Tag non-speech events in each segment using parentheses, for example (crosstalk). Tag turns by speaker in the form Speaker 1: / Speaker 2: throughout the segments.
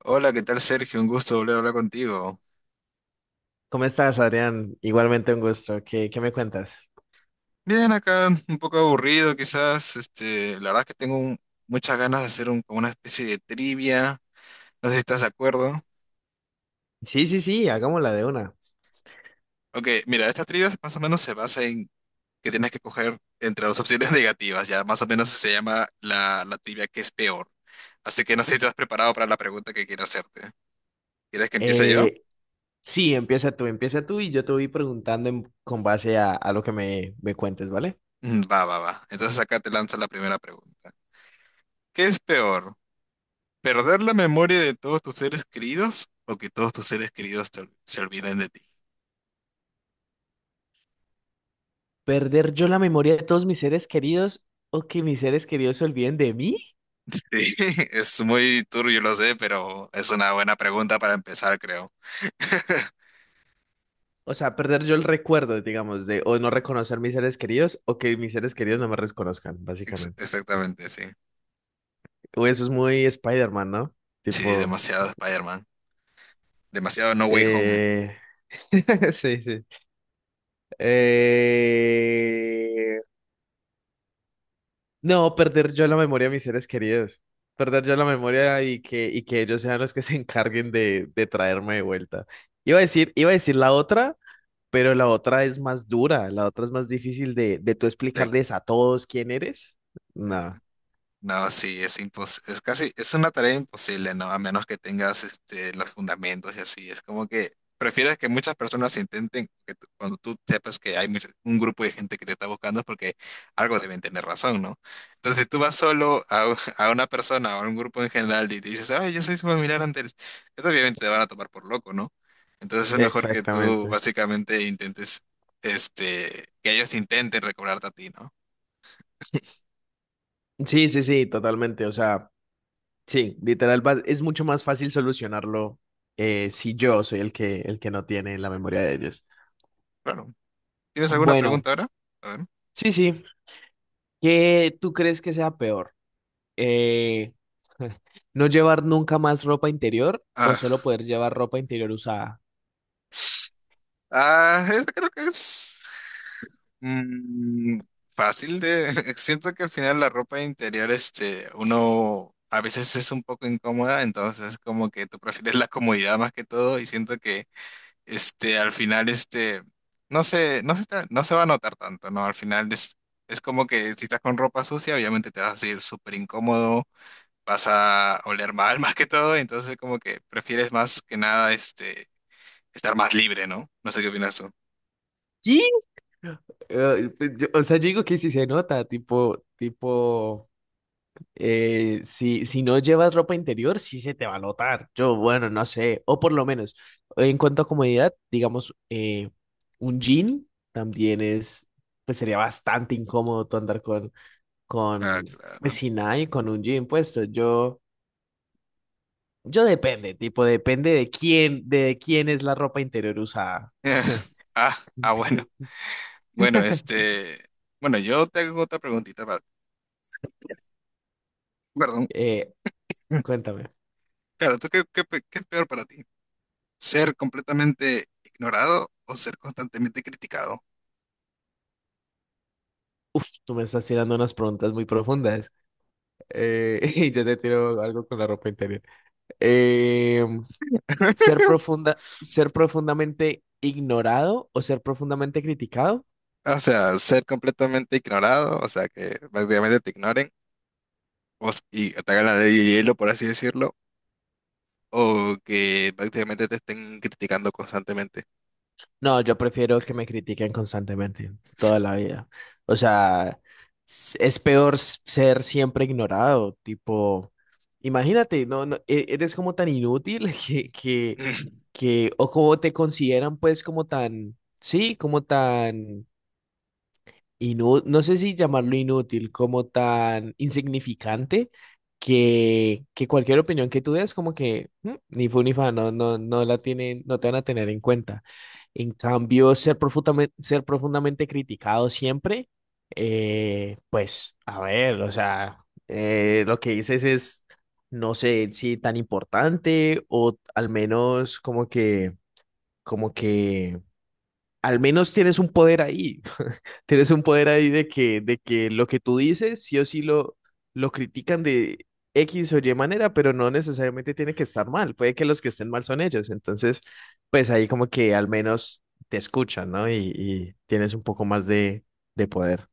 Speaker 1: Hola, ¿qué tal Sergio? Un gusto volver a hablar contigo.
Speaker 2: ¿Cómo estás, Adrián? Igualmente un gusto. ¿Qué me cuentas?
Speaker 1: Bien, acá un poco aburrido quizás. La verdad es que muchas ganas de hacer como una especie de trivia. No sé si estás de acuerdo.
Speaker 2: Sí, sí, sí, hagámosla de una.
Speaker 1: Ok, mira, esta trivia más o menos se basa en que tienes que coger entre dos opciones (laughs) negativas. Ya más o menos se llama la trivia que es peor. Así que no sé si estás preparado para la pregunta que quiero hacerte. ¿Quieres que empiece yo?
Speaker 2: Eh, sí, empieza tú y yo te voy preguntando con base a lo que me cuentes, ¿vale?
Speaker 1: Mm, va. Entonces acá te lanzo la primera pregunta. ¿Qué es peor? ¿Perder la memoria de todos tus seres queridos o que todos tus seres queridos se olviden de ti?
Speaker 2: ¿Perder yo la memoria de todos mis seres queridos o que mis seres queridos se olviden de mí?
Speaker 1: (laughs) Sí, es muy turbio, lo sé, pero es una buena pregunta para empezar, creo. (laughs)
Speaker 2: O sea, perder yo el recuerdo, digamos, de o no reconocer mis seres queridos o que mis seres queridos no me reconozcan, básicamente.
Speaker 1: Exactamente, sí.
Speaker 2: O eso es muy Spider-Man, ¿no?
Speaker 1: Sí,
Speaker 2: Tipo,
Speaker 1: demasiado Spider-Man. Demasiado No Way Home.
Speaker 2: eh... (laughs) sí, sí. Eh, No, perder yo la memoria de mis seres queridos. Perder yo la memoria y que ellos sean los que se encarguen de traerme de vuelta. Iba a decir la otra, pero la otra es más dura, la otra es más difícil de tú
Speaker 1: De-
Speaker 2: explicarles a todos quién eres. No,
Speaker 1: No, sí, es casi, es una tarea imposible, ¿no? A menos que tengas este, los fundamentos y así. Es como que prefieres que muchas personas intenten, cuando tú sepas que hay un grupo de gente que te está buscando es porque algo deben tener razón, ¿no? Entonces, si tú vas solo a, (laughs) a una persona o a un grupo en general y te dices, ay, yo soy familiar antes, esto obviamente te van a tomar por loco, ¿no? Entonces es mejor que tú
Speaker 2: exactamente.
Speaker 1: básicamente intentes, este, que ellos intenten recobrarte a ti, ¿no?
Speaker 2: Sí, sí, sí, totalmente. O sea, sí, literal, es mucho más fácil solucionarlo si yo soy el que no tiene la memoria de ellos.
Speaker 1: Claro. ¿Tienes alguna
Speaker 2: Bueno,
Speaker 1: pregunta ahora? A ver.
Speaker 2: sí, sí. ¿Qué tú crees que sea peor? eh, (laughs) no llevar nunca más ropa interior o solo
Speaker 1: Ah,
Speaker 2: poder llevar ropa interior usada.
Speaker 1: ah, esta creo que es mm, fácil de... (laughs) Siento que al final la ropa interior, este, uno a veces es un poco incómoda, entonces como que tú prefieres la comodidad más que todo y siento que, este, al final, este, no se va a notar tanto, ¿no? Al final es como que si estás con ropa sucia, obviamente te vas a sentir súper incómodo, vas a oler mal (laughs) más que todo, entonces como que prefieres más que nada, este, estar más libre, ¿no? No sé qué opinas tú.
Speaker 2: ¿Y? Pues, o sea, yo digo que si se nota, tipo, tipo, si, si no llevas ropa interior, sí se te va a notar. Yo, bueno, no sé, o por lo menos, en cuanto a comodidad, digamos, un jean también es, pues sería bastante incómodo tú andar
Speaker 1: Ah,
Speaker 2: con, pues
Speaker 1: claro. (laughs)
Speaker 2: sin nada y con un jean puesto. Yo... Yo depende, tipo, depende de quién es la ropa interior usada.
Speaker 1: Eh, ah, ah, bueno. Bueno,
Speaker 2: (laughs)
Speaker 1: este. Bueno, yo te hago otra preguntita. Va. Perdón.
Speaker 2: Eh,
Speaker 1: (laughs)
Speaker 2: cuéntame.
Speaker 1: Claro, ¿tú qué, qué, pe- qué es peor para ti? ¿Ser completamente ignorado o ser constantemente criticado?
Speaker 2: Uf, tú me estás tirando unas preguntas muy profundas. (laughs) Y yo te tiro algo con la ropa interior. Eh, ser profundamente ignorado o ser profundamente criticado.
Speaker 1: O sea, ser completamente ignorado, o sea, que prácticamente te ignoren y te hagan la ley de hielo, por así decirlo, o que prácticamente te estén criticando constantemente. (sniffs)
Speaker 2: No, yo prefiero que me critiquen constantemente, toda la vida. O sea, es peor ser siempre ignorado, tipo, imagínate, no, no, eres como tan inútil (laughs)
Speaker 1: (laughs)
Speaker 2: o como te consideran pues como tan, sí, como tan no no sé si llamarlo inútil, como tan insignificante que cualquier opinión que tú des, como que "Mm, ni fu ni fa, no, no, no la tienen, no te van a tener en cuenta". En cambio, ser profundamente criticado siempre, pues, a ver, o sea, lo que dices es, no sé si tan importante o al menos como que al menos tienes un poder ahí. (laughs) Tienes un poder ahí de de que lo que tú dices, sí o sí lo critican de X o Y manera, pero no necesariamente tiene que estar mal. Puede que los que estén mal son ellos. Entonces, pues ahí como que al menos te escuchan, ¿no? Y tienes un poco más de poder.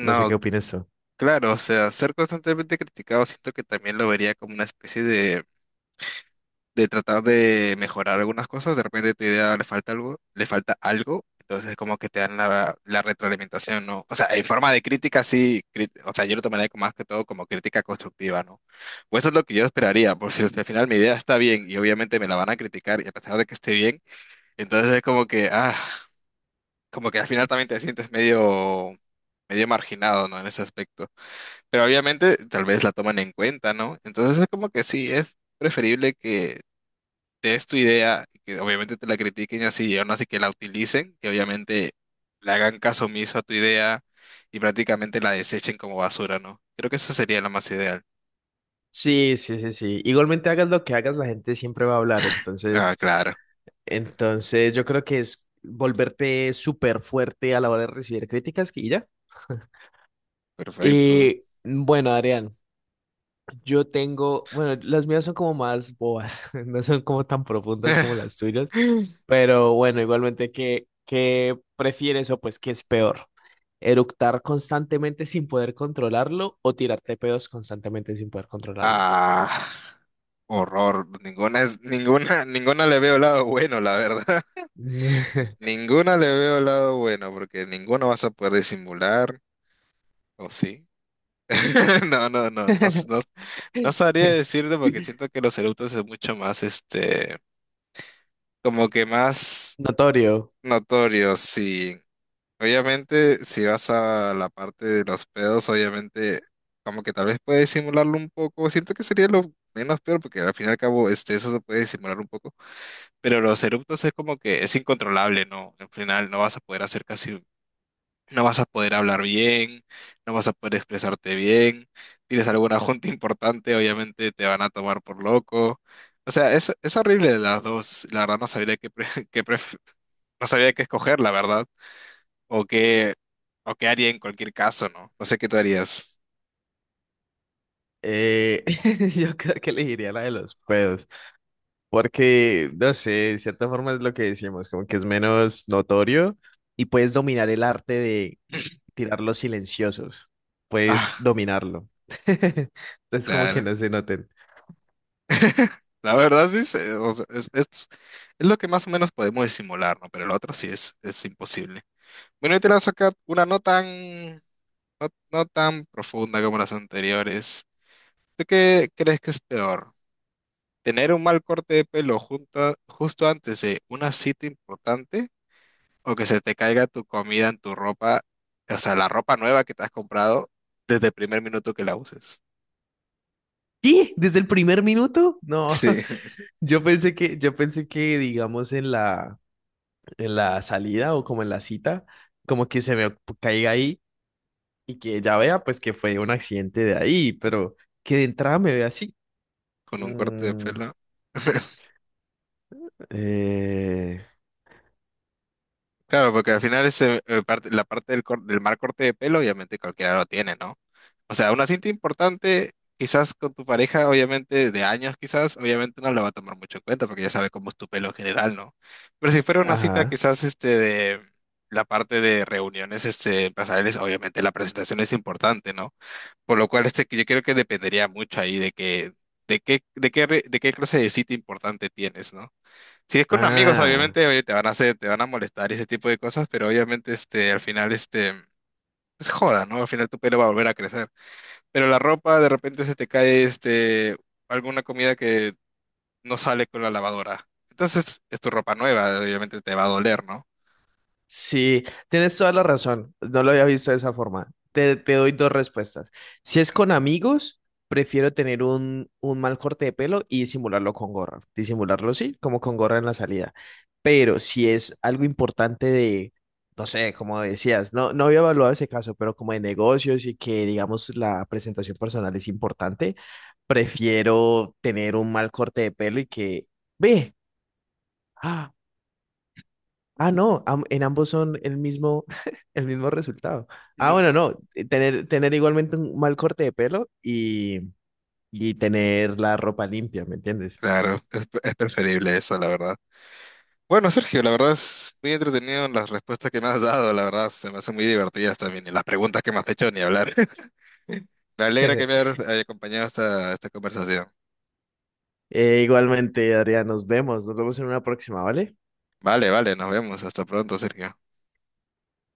Speaker 2: No sé qué opinas tú.
Speaker 1: claro, o sea, ser constantemente criticado siento que también lo vería como una especie de tratar de mejorar algunas cosas, de repente tu idea le falta algo, entonces como que te dan la retroalimentación, ¿no? O sea, en forma de o sea, yo lo tomaría como- más que todo como crítica constructiva, ¿no? O eso es lo que yo esperaría, por si al final mi idea está bien y obviamente me la van a criticar y a pesar de que esté bien, entonces es como que, ah, como que al final también
Speaker 2: S-
Speaker 1: te sientes medio... medio marginado, ¿no? En ese aspecto. Pero obviamente tal vez la toman en cuenta, ¿no? Entonces es como que sí, es preferible que es tu idea, que obviamente te la critiquen y así, y aún así que la utilicen, que obviamente le hagan caso omiso a tu idea y prácticamente la desechen como basura, ¿no? Creo que eso sería lo más ideal.
Speaker 2: Sí, sí, sí, sí. Igualmente hagas lo que hagas, la gente siempre va a hablar.
Speaker 1: Ah, claro,
Speaker 2: Entonces yo creo que es volverte súper fuerte a la hora de recibir críticas y ya. (laughs)
Speaker 1: perfecto.
Speaker 2: Y bueno, Adrián, yo tengo, bueno, las mías son como más bobas, (laughs) no son como tan profundas como las
Speaker 1: (laughs)
Speaker 2: tuyas, pero bueno, igualmente, qué prefieres o pues qué es peor? ¿Eructar constantemente sin poder controlarlo o tirarte pedos constantemente sin poder controlarlo?
Speaker 1: Ah, horror. Ninguna, ninguna le veo lado bueno, la verdad. (laughs) Ninguna le veo lado bueno, porque ninguno vas a poder disimular, ¿o sí? (laughs) No, no, no, no, no,
Speaker 2: (laughs)
Speaker 1: no sabría decirte porque siento que los eructos es mucho más este, como que más
Speaker 2: Notorio.
Speaker 1: notorio, sí. Obviamente, si vas a la parte de los pedos, obviamente, como que tal vez puedes simularlo un poco. Siento que sería lo menos peor, porque al fin y al cabo, este, eso se puede simular un poco. Pero los eruptos es como que es incontrolable, ¿no? Al final no vas a poder hacer casi no vas a poder hablar bien, no vas a poder expresarte bien. Tienes alguna (laughs) junta importante, obviamente te van a tomar por loco. O sea, es horrible las dos. La verdad no sabría (laughs) no sabría qué escoger, la verdad. O qué, o qué haría en cualquier caso, ¿no? No sé qué tú harías.
Speaker 2: Eh, (laughs) yo creo que elegiría la de los pedos, porque, no sé, de cierta forma es lo que decimos, como que es menos notorio y puedes dominar el arte de tirar los silenciosos, puedes
Speaker 1: Ah,
Speaker 2: dominarlo. (laughs) Entonces, como que
Speaker 1: claro.
Speaker 2: no se noten.
Speaker 1: (laughs) La verdad sí, se- o sea, es lo que más o menos podemos disimular, ¿no? Pero el otro sí es imposible. Bueno, yo te lanzo acá una nota. No, no tan profunda como las anteriores. ¿Tú qué crees que es peor? ¿Tener un mal corte de pelo justo antes de una cita importante? ¿O que se te caiga tu comida en tu ropa, o sea, la ropa nueva que te has comprado desde el primer minuto que la uses?
Speaker 2: ¿Y? ¿Desde el primer minuto? No,
Speaker 1: Sí,
Speaker 2: (laughs)
Speaker 1: (laughs)
Speaker 2: yo pensé que, digamos, en la salida o como en la cita, como que se me caiga ahí y que ya vea, pues, que fue un accidente de ahí, pero que de entrada me vea así.
Speaker 1: con un corte de
Speaker 2: Mm,
Speaker 1: pelo. (laughs)
Speaker 2: eh,
Speaker 1: Claro, porque al final ese, la parte del, del mal corte de pelo, obviamente cualquiera lo tiene, ¿no? O sea, una cinta importante, quizás con tu pareja, obviamente de años, quizás, obviamente no la va a tomar mucho en cuenta porque ya sabe cómo es tu pelo en general, ¿no? Pero si fuera una cita,
Speaker 2: ajá.
Speaker 1: quizás este de la parte de reuniones este, empresariales, obviamente la presentación es importante, ¿no? Por lo cual este, que yo creo que dependería mucho ahí de que, de qué clase de cita importante tienes, ¿no? Si es con amigos,
Speaker 2: Ah,
Speaker 1: obviamente, oye, te van a hacer, te van a molestar y ese tipo de cosas, pero obviamente, este, al final, este, es joda, ¿no? Al final tu pelo va a volver a crecer. Pero la ropa, de repente se te cae, este, alguna comida que no sale con la lavadora. Entonces, es tu ropa nueva, obviamente te va a doler, ¿no?
Speaker 2: sí, tienes toda la razón. No lo había visto de esa forma. Te doy dos respuestas. Si es con amigos, prefiero tener un mal corte de pelo y disimularlo con gorra. Disimularlo, sí, como con gorra en la salida. Pero si es algo importante de, no sé, como decías, no, no había evaluado ese caso, pero como de negocios y que, digamos, la presentación personal es importante, prefiero tener un mal corte de pelo y que, ve, ¡ah! Ah, no, en ambos son el mismo, (laughs) el mismo resultado.
Speaker 1: (laughs)
Speaker 2: Ah, bueno,
Speaker 1: Ujú.
Speaker 2: no, tener igualmente un mal corte de pelo y tener la ropa limpia, ¿me entiendes?
Speaker 1: Claro, es preferible eso, la verdad. Bueno, Sergio, la verdad es muy entretenido las respuestas que me has dado, la verdad, se me hacen muy divertidas también, y las preguntas que me has hecho, ni hablar. (laughs) Me alegra que me hayas
Speaker 2: (laughs)
Speaker 1: acompañado a esta, esta conversación.
Speaker 2: Igualmente, Adrián, nos vemos en una próxima, ¿vale?
Speaker 1: Vale, vale, nos vemos. Hasta pronto, Sergio.